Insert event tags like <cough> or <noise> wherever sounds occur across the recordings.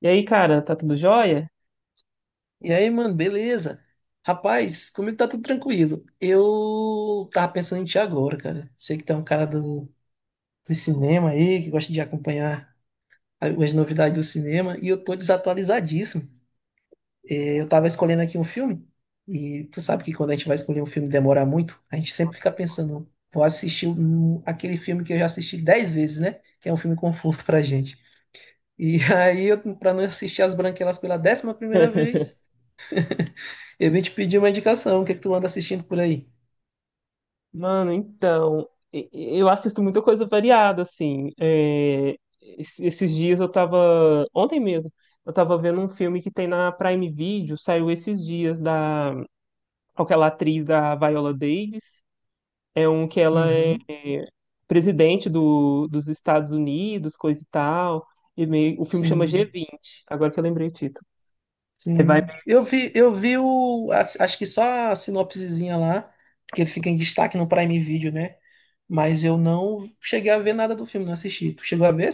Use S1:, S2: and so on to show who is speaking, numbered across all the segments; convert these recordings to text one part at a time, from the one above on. S1: E aí, cara, tá tudo jóia?
S2: E aí, mano, beleza? Rapaz, comigo tá tudo tranquilo. Eu tava pensando em ti agora, cara. Sei que tu é um cara do cinema aí, que gosta de acompanhar as novidades do cinema, e eu tô desatualizadíssimo. Eu tava escolhendo aqui um filme, e tu sabe que quando a gente vai escolher um filme demora muito, a gente sempre fica
S1: <laughs>
S2: pensando, vou aquele filme que eu já assisti dez vezes, né? Que é um filme conforto pra gente. E <laughs> aí, eu, pra não assistir As Branquelas pela décima primeira vez, eu vim te pedir uma indicação. O que é que tu anda assistindo por aí?
S1: Mano, então, eu assisto muita coisa variada, assim. Esses dias eu tava. Ontem mesmo, eu tava vendo um filme que tem na Prime Video, saiu esses dias da aquela atriz da Viola Davis. É um que ela é
S2: Uhum.
S1: presidente do, dos Estados Unidos, coisa e tal. E meio, o filme chama
S2: Sim,
S1: G20, agora que eu lembrei o título. É, vai.
S2: sim. Eu vi acho que só a sinopsezinha lá, porque ele fica em destaque no Prime Video, né? Mas eu não cheguei a ver nada do filme, não assisti. Tu chegou a ver?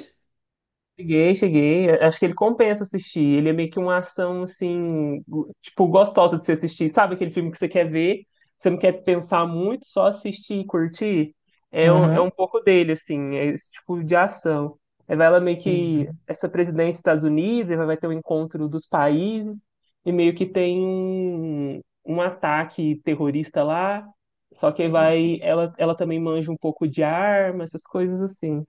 S1: Cheguei, cheguei. Acho que ele compensa assistir. Ele é meio que uma ação, assim, tipo, gostosa de se assistir. Sabe aquele filme que você quer ver, você não quer pensar muito, só assistir e curtir? É, é
S2: Aham,
S1: um pouco dele, assim, é esse tipo de ação. Aí vai ela meio que,
S2: entendi.
S1: essa presidência dos Estados Unidos, aí vai ter o encontro dos países, e meio que tem um, um ataque terrorista lá, só que aí vai, ela também manja um pouco de arma, essas coisas assim.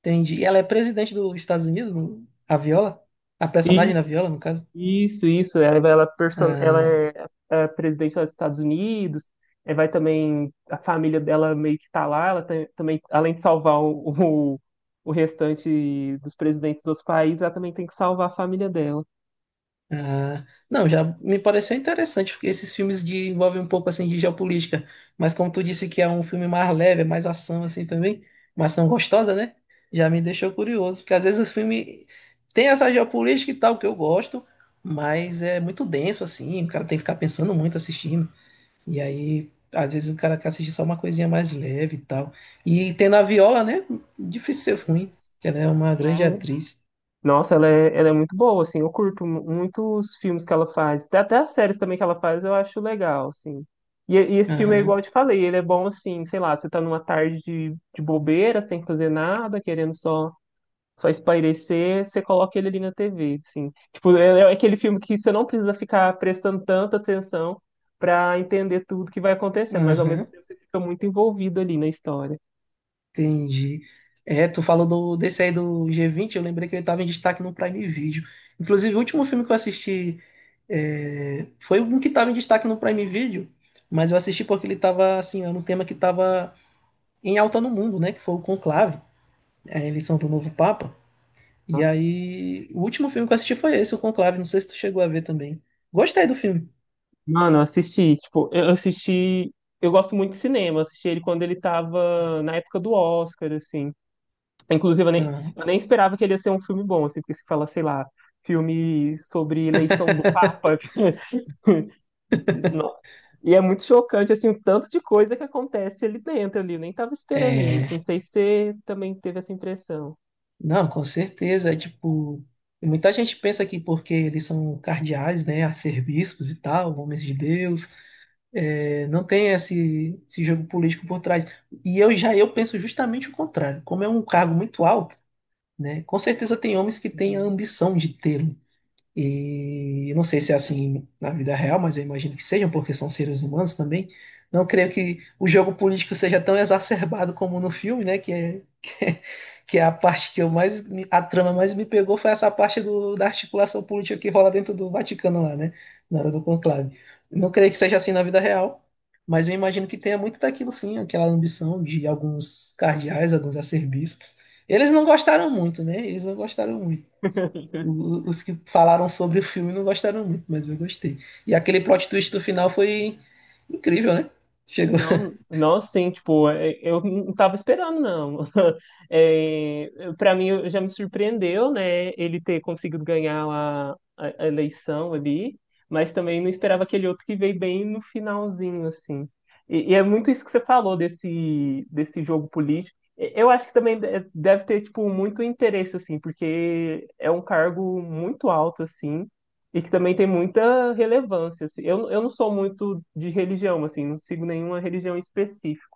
S2: Entendi. E ela é presidente dos Estados Unidos, a Viola? A personagem na Viola, no caso?
S1: Isso, isso. Ela, ela, ela
S2: Ah,
S1: é, é presidente lá dos Estados Unidos. É, vai também. A família dela meio que tá lá. Também, além de salvar o, <laughs> o, o restante dos presidentes dos países, ela também tem que salvar a família dela.
S2: ah. Não, já me pareceu interessante, porque esses filmes envolvem um pouco assim de geopolítica. Mas como tu disse que é um filme mais leve, é mais ação assim também, uma ação gostosa, né? Já me deixou curioso, porque às vezes os filmes têm essa geopolítica e tal que eu gosto, mas é muito denso assim, o cara tem que ficar pensando muito assistindo. E aí, às vezes o cara quer assistir só uma coisinha mais leve e tal. E tem na Viola, né? Difícil ser ruim.
S1: Isso.
S2: Que Ela é uma grande
S1: É.
S2: atriz.
S1: Nossa, ela é muito boa, assim. Eu curto muito os filmes que ela faz. Até, até as séries também que ela faz eu acho legal, assim. E esse filme é
S2: Aham,
S1: igual eu te falei, ele é bom, assim, sei lá, você tá numa tarde de bobeira, sem fazer nada, querendo só. Só espairecer, você coloca ele ali na TV, assim. Tipo, é aquele filme que você não precisa ficar prestando tanta atenção pra entender tudo que vai acontecendo, mas ao mesmo
S2: aham,
S1: tempo você fica muito envolvido ali na história.
S2: entendi. É, tu desse aí do G20, eu lembrei que ele tava em destaque no Prime Video. Inclusive, o último filme que eu assisti foi um que tava em destaque no Prime Video, mas eu assisti porque ele tava, assim, era um tema que tava em alta no mundo, né? Que foi o Conclave, a eleição do novo Papa. E
S1: Nossa.
S2: aí, o último filme que eu assisti foi esse, o Conclave. Não sei se tu chegou a ver também. Gostei do filme.
S1: Mano, eu assisti, tipo, eu assisti, eu gosto muito de cinema, eu assisti ele quando ele tava na época do Oscar, assim. Inclusive,
S2: Ah,
S1: eu nem esperava que ele ia ser um filme bom, assim, porque se fala, sei lá, filme sobre eleição do Papa. <laughs> Não. E é muito chocante, assim, o tanto de coisa que acontece ali dentro, ali. Eu nem tava esperando isso. Não
S2: é,
S1: sei se você também teve essa impressão.
S2: não, com certeza. É tipo, muita gente pensa que porque eles são cardeais, né, arcebispos e tal, homens de Deus, não tem esse jogo político por trás. E eu já eu penso justamente o contrário. Como é um cargo muito alto, né, com certeza tem homens que têm a
S1: Uhum.
S2: ambição de ter. E não sei se é assim na vida real, mas eu imagino que sejam, porque são seres humanos também. Não creio que o jogo político seja tão exacerbado como no filme, né? Que é a parte que eu a trama mais me pegou foi essa parte da articulação política que rola dentro do Vaticano lá, né? Na hora do conclave. Não creio que seja assim na vida real, mas eu imagino que tenha muito daquilo sim, aquela ambição de alguns cardeais, alguns arcebispos. Eles não gostaram muito, né? Eles não gostaram muito.
S1: <laughs>
S2: Os que falaram sobre o filme não gostaram muito, mas eu gostei. E aquele plot twist do final foi incrível, né? Chegou, <laughs>
S1: Não, não assim, tipo, é, eu não tava esperando, não. <laughs> É, para mim, já me surpreendeu, né, ele ter conseguido ganhar a, a eleição ali, mas também não esperava aquele outro que veio bem no finalzinho, assim. E é muito isso que você falou desse, desse jogo político. Eu acho que também deve ter, tipo, muito interesse, assim, porque é um cargo muito alto, assim, e que também tem muita relevância, assim. Eu não sou muito de religião, assim, não sigo nenhuma religião específica.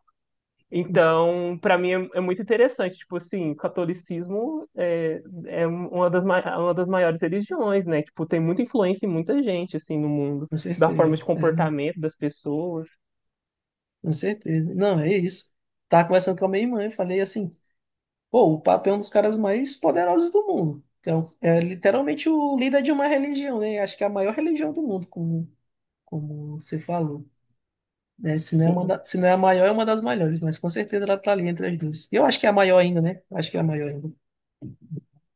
S1: Então, para mim é, é muito interessante, tipo assim, o catolicismo é, é um, uma das, uma das maiores religiões, né? Tipo, tem muita influência em muita gente, assim, no mundo,
S2: com
S1: da forma de
S2: certeza.
S1: comportamento das pessoas.
S2: Com certeza. Não, é isso. Tava conversando com a minha irmã e falei assim: pô, o Papa é um dos caras mais poderosos do mundo. Que É, é literalmente o líder de uma religião, né? Acho que é a maior religião do mundo, como, como você falou. Né? Se não é
S1: Sim,
S2: se não é a maior, é uma das maiores, mas com certeza ela tá ali entre as duas. Eu acho que é a maior ainda, né? Acho que é a maior ainda.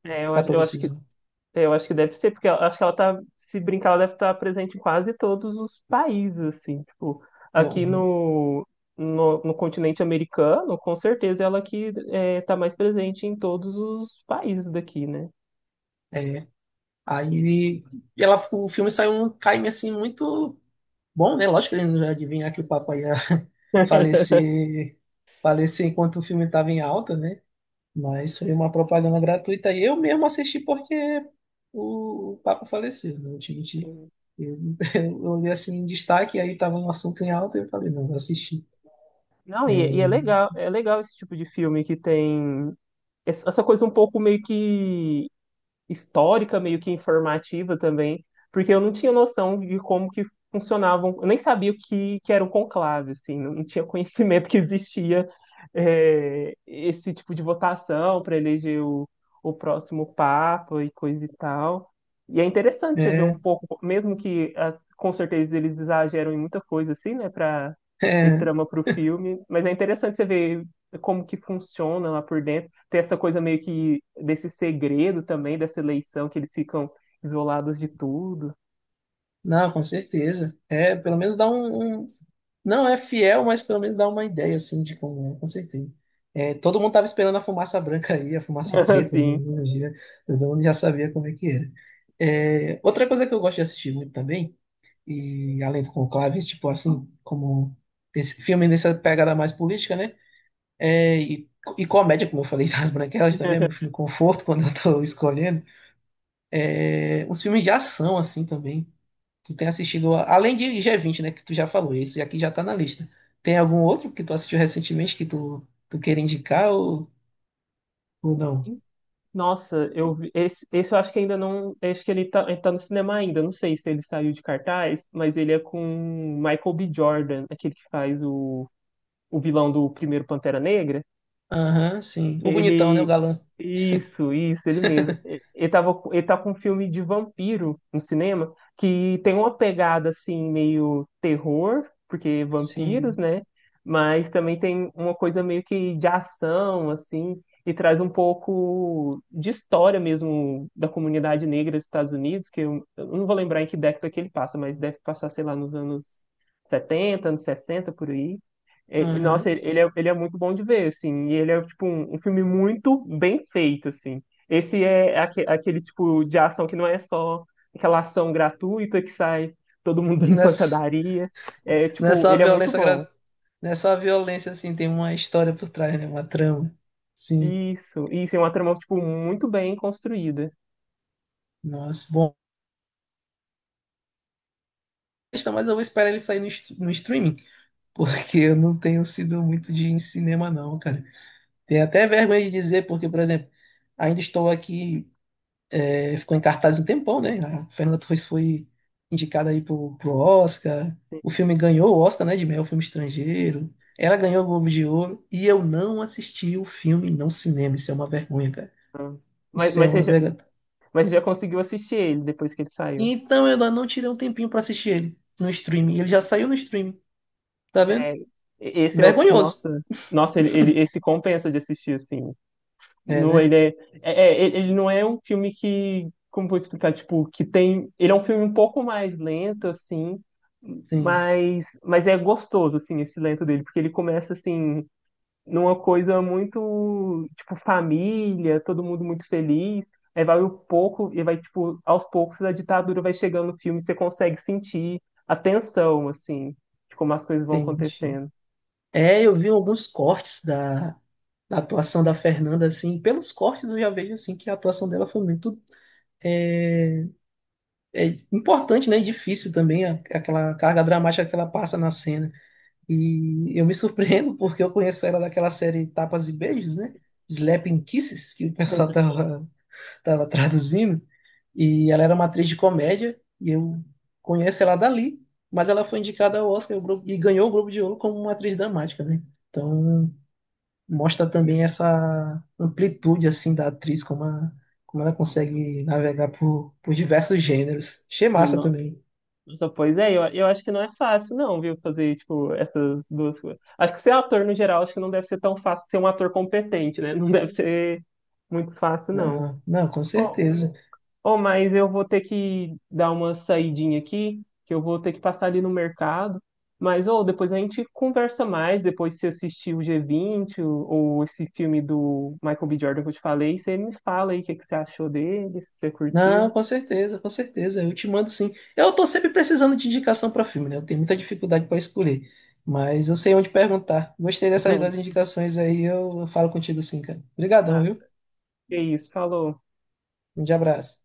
S1: é, eu, eu acho que.
S2: Catolicismo.
S1: Eu acho que deve ser, porque eu acho que ela tá, se brincar, ela deve estar presente em quase todos os países, assim, tipo, aqui
S2: Bom,
S1: no, no continente americano, com certeza ela que é, tá mais presente em todos os países daqui, né?
S2: é. Aí ela, o filme saiu um time assim muito bom, né? Lógico que ele não ia adivinhar que o papai ia <laughs>
S1: <laughs>
S2: falecer, falecer enquanto o filme estava em alta, né? Mas foi uma propaganda gratuita e eu mesmo assisti porque o Papa faleceu, não te menti.
S1: Sim.
S2: Eu, <laughs> eu olhei assim em destaque, aí estava um assunto em alta e eu falei, não, vou assistir.
S1: Não, e é legal esse tipo de filme que tem essa coisa um pouco meio que histórica, meio que informativa também, porque eu não tinha noção de como que funcionavam, eu nem sabia o que, que era um conclave, assim, não, não tinha <laughs> conhecimento que existia é, esse tipo de votação para eleger o próximo papa e coisa e tal. E é interessante você ver um
S2: É,
S1: pouco, mesmo que ah, com certeza eles exageram em muita coisa assim, né, para ter
S2: é,
S1: trama para o filme, mas é interessante você ver como que funciona lá por dentro, ter essa coisa meio que desse segredo também, dessa eleição, que eles ficam isolados de tudo.
S2: não, com certeza. É, pelo menos dá não, é fiel, mas pelo menos dá uma ideia, assim, de como é, com certeza. É, todo mundo tava esperando a fumaça branca aí, a fumaça
S1: <laughs>
S2: preta, né?
S1: Assim.
S2: Um dia, todo mundo já sabia como é que era. É, outra coisa que eu gosto de assistir muito também, e além do Conclave, tipo assim, como esse filme nessa pegada mais política, né? É, e, e comédia, como eu falei, <laughs> das Branquelas também, é meu filme conforto quando eu tô escolhendo. É, uns filmes de ação, assim, também. Tu tem assistido, além de G20, né, que tu já falou, esse aqui já tá na lista. Tem algum outro que tu assistiu recentemente que tu queira indicar ou não?
S1: Nossa, esse, esse eu acho que ainda não. Acho que ele tá no cinema ainda. Não sei se ele saiu de cartaz, mas ele é com Michael B. Jordan, aquele que faz o vilão do primeiro Pantera Negra.
S2: Aham, sim. O bonitão, né, o
S1: Ele.
S2: galã.
S1: Isso, ele mesmo. Ele tá com um filme de vampiro no cinema, que tem uma pegada assim, meio terror, porque vampiros,
S2: Sim.
S1: né? Mas também tem uma coisa meio que de ação, assim, e traz um pouco de história mesmo da comunidade negra dos Estados Unidos, que eu não vou lembrar em que década que ele passa, mas deve passar, sei lá, nos anos setenta, anos 60 por aí.
S2: Aham.
S1: Nossa,
S2: <laughs>
S1: ele é muito bom de ver, assim, e ele é, tipo, um filme muito bem feito, assim. Esse é aquele tipo de ação que não é só aquela ação gratuita que sai todo mundo <laughs> em
S2: Não é, s-
S1: pancadaria. É,
S2: não é
S1: tipo,
S2: só a
S1: ele é muito bom.
S2: não é só a violência, assim, tem uma história por trás, né, uma trama. Sim.
S1: Isso, é uma trama, tipo, muito bem construída.
S2: Nossa, bom. Mas eu vou esperar ele sair no streaming, porque eu não tenho sido muito de ir em cinema, não, cara. Tenho até vergonha de dizer, porque, por exemplo, ainda estou aqui. É, ficou em cartaz um tempão, né? A Fernanda Torres foi indicada aí pro Oscar. O filme ganhou o Oscar, né? De melhor filme estrangeiro. Ela ganhou o Globo de Ouro. E eu não assisti o filme no cinema. Isso é uma vergonha, cara.
S1: Nossa. Mas,
S2: Isso é
S1: mas, você
S2: uma
S1: já,
S2: vergonha.
S1: mas você já conseguiu assistir ele depois que ele saiu.
S2: Então eu ainda não tirei um tempinho pra assistir ele no streaming. Ele já saiu no streaming, tá vendo?
S1: É, esse é outro que,
S2: Vergonhoso.
S1: nossa, nossa, ele, esse compensa de assistir, assim.
S2: É,
S1: Não,
S2: né?
S1: ele é, é, ele não é um filme que, como vou explicar, tipo, que tem, ele é um filme um pouco mais lento, assim,
S2: Sim,
S1: mas é gostoso, assim, esse lento dele, porque ele começa, assim, numa coisa muito, tipo, família, todo mundo muito feliz, aí vai um pouco, e vai, tipo, aos poucos a ditadura vai chegando no filme, você consegue sentir a tensão, assim, de como as coisas vão
S2: tem.
S1: acontecendo.
S2: É, eu vi alguns cortes da atuação da Fernanda, assim. Pelos cortes eu já vejo, assim, que a atuação dela foi muito é, é importante, né, e difícil também aquela carga dramática que ela passa na cena. E eu me surpreendo <laughs> porque eu conheço ela daquela série Tapas e Beijos, né? Slapping Kisses, que o pessoal <laughs> tava traduzindo. E ela era uma atriz de comédia e eu conheço ela dali, mas ela foi indicada ao Oscar e o e ganhou o Globo de Ouro como uma atriz dramática, né? Então mostra também essa amplitude assim da atriz como ela
S1: Nossa,
S2: consegue navegar por diversos gêneros. Achei massa também.
S1: nossa, pois é, eu acho que não é fácil, não, viu, fazer, tipo, essas duas coisas. Acho que ser ator, no geral, acho que não deve ser tão fácil ser um ator competente, né? <laughs> Não deve ser muito fácil, não.
S2: Não, não, com
S1: Ô,
S2: certeza.
S1: ô, mas eu vou ter que dar uma saidinha aqui, que eu vou ter que passar ali no mercado. Mas, ô, depois a gente conversa mais, depois se assistir o G20 ou esse filme do Michael B. Jordan que eu te falei, você me fala aí o que, que você achou dele, se você
S2: Não,
S1: curtiu.
S2: com certeza, com certeza. Eu te mando sim. Eu tô sempre precisando de indicação para filme, né? Eu tenho muita dificuldade para escolher, mas eu sei onde perguntar. Gostei dessas duas
S1: <laughs>
S2: indicações aí, eu falo contigo sim, cara. Obrigadão,
S1: Ah,
S2: viu?
S1: que isso, falou.
S2: Um grande abraço.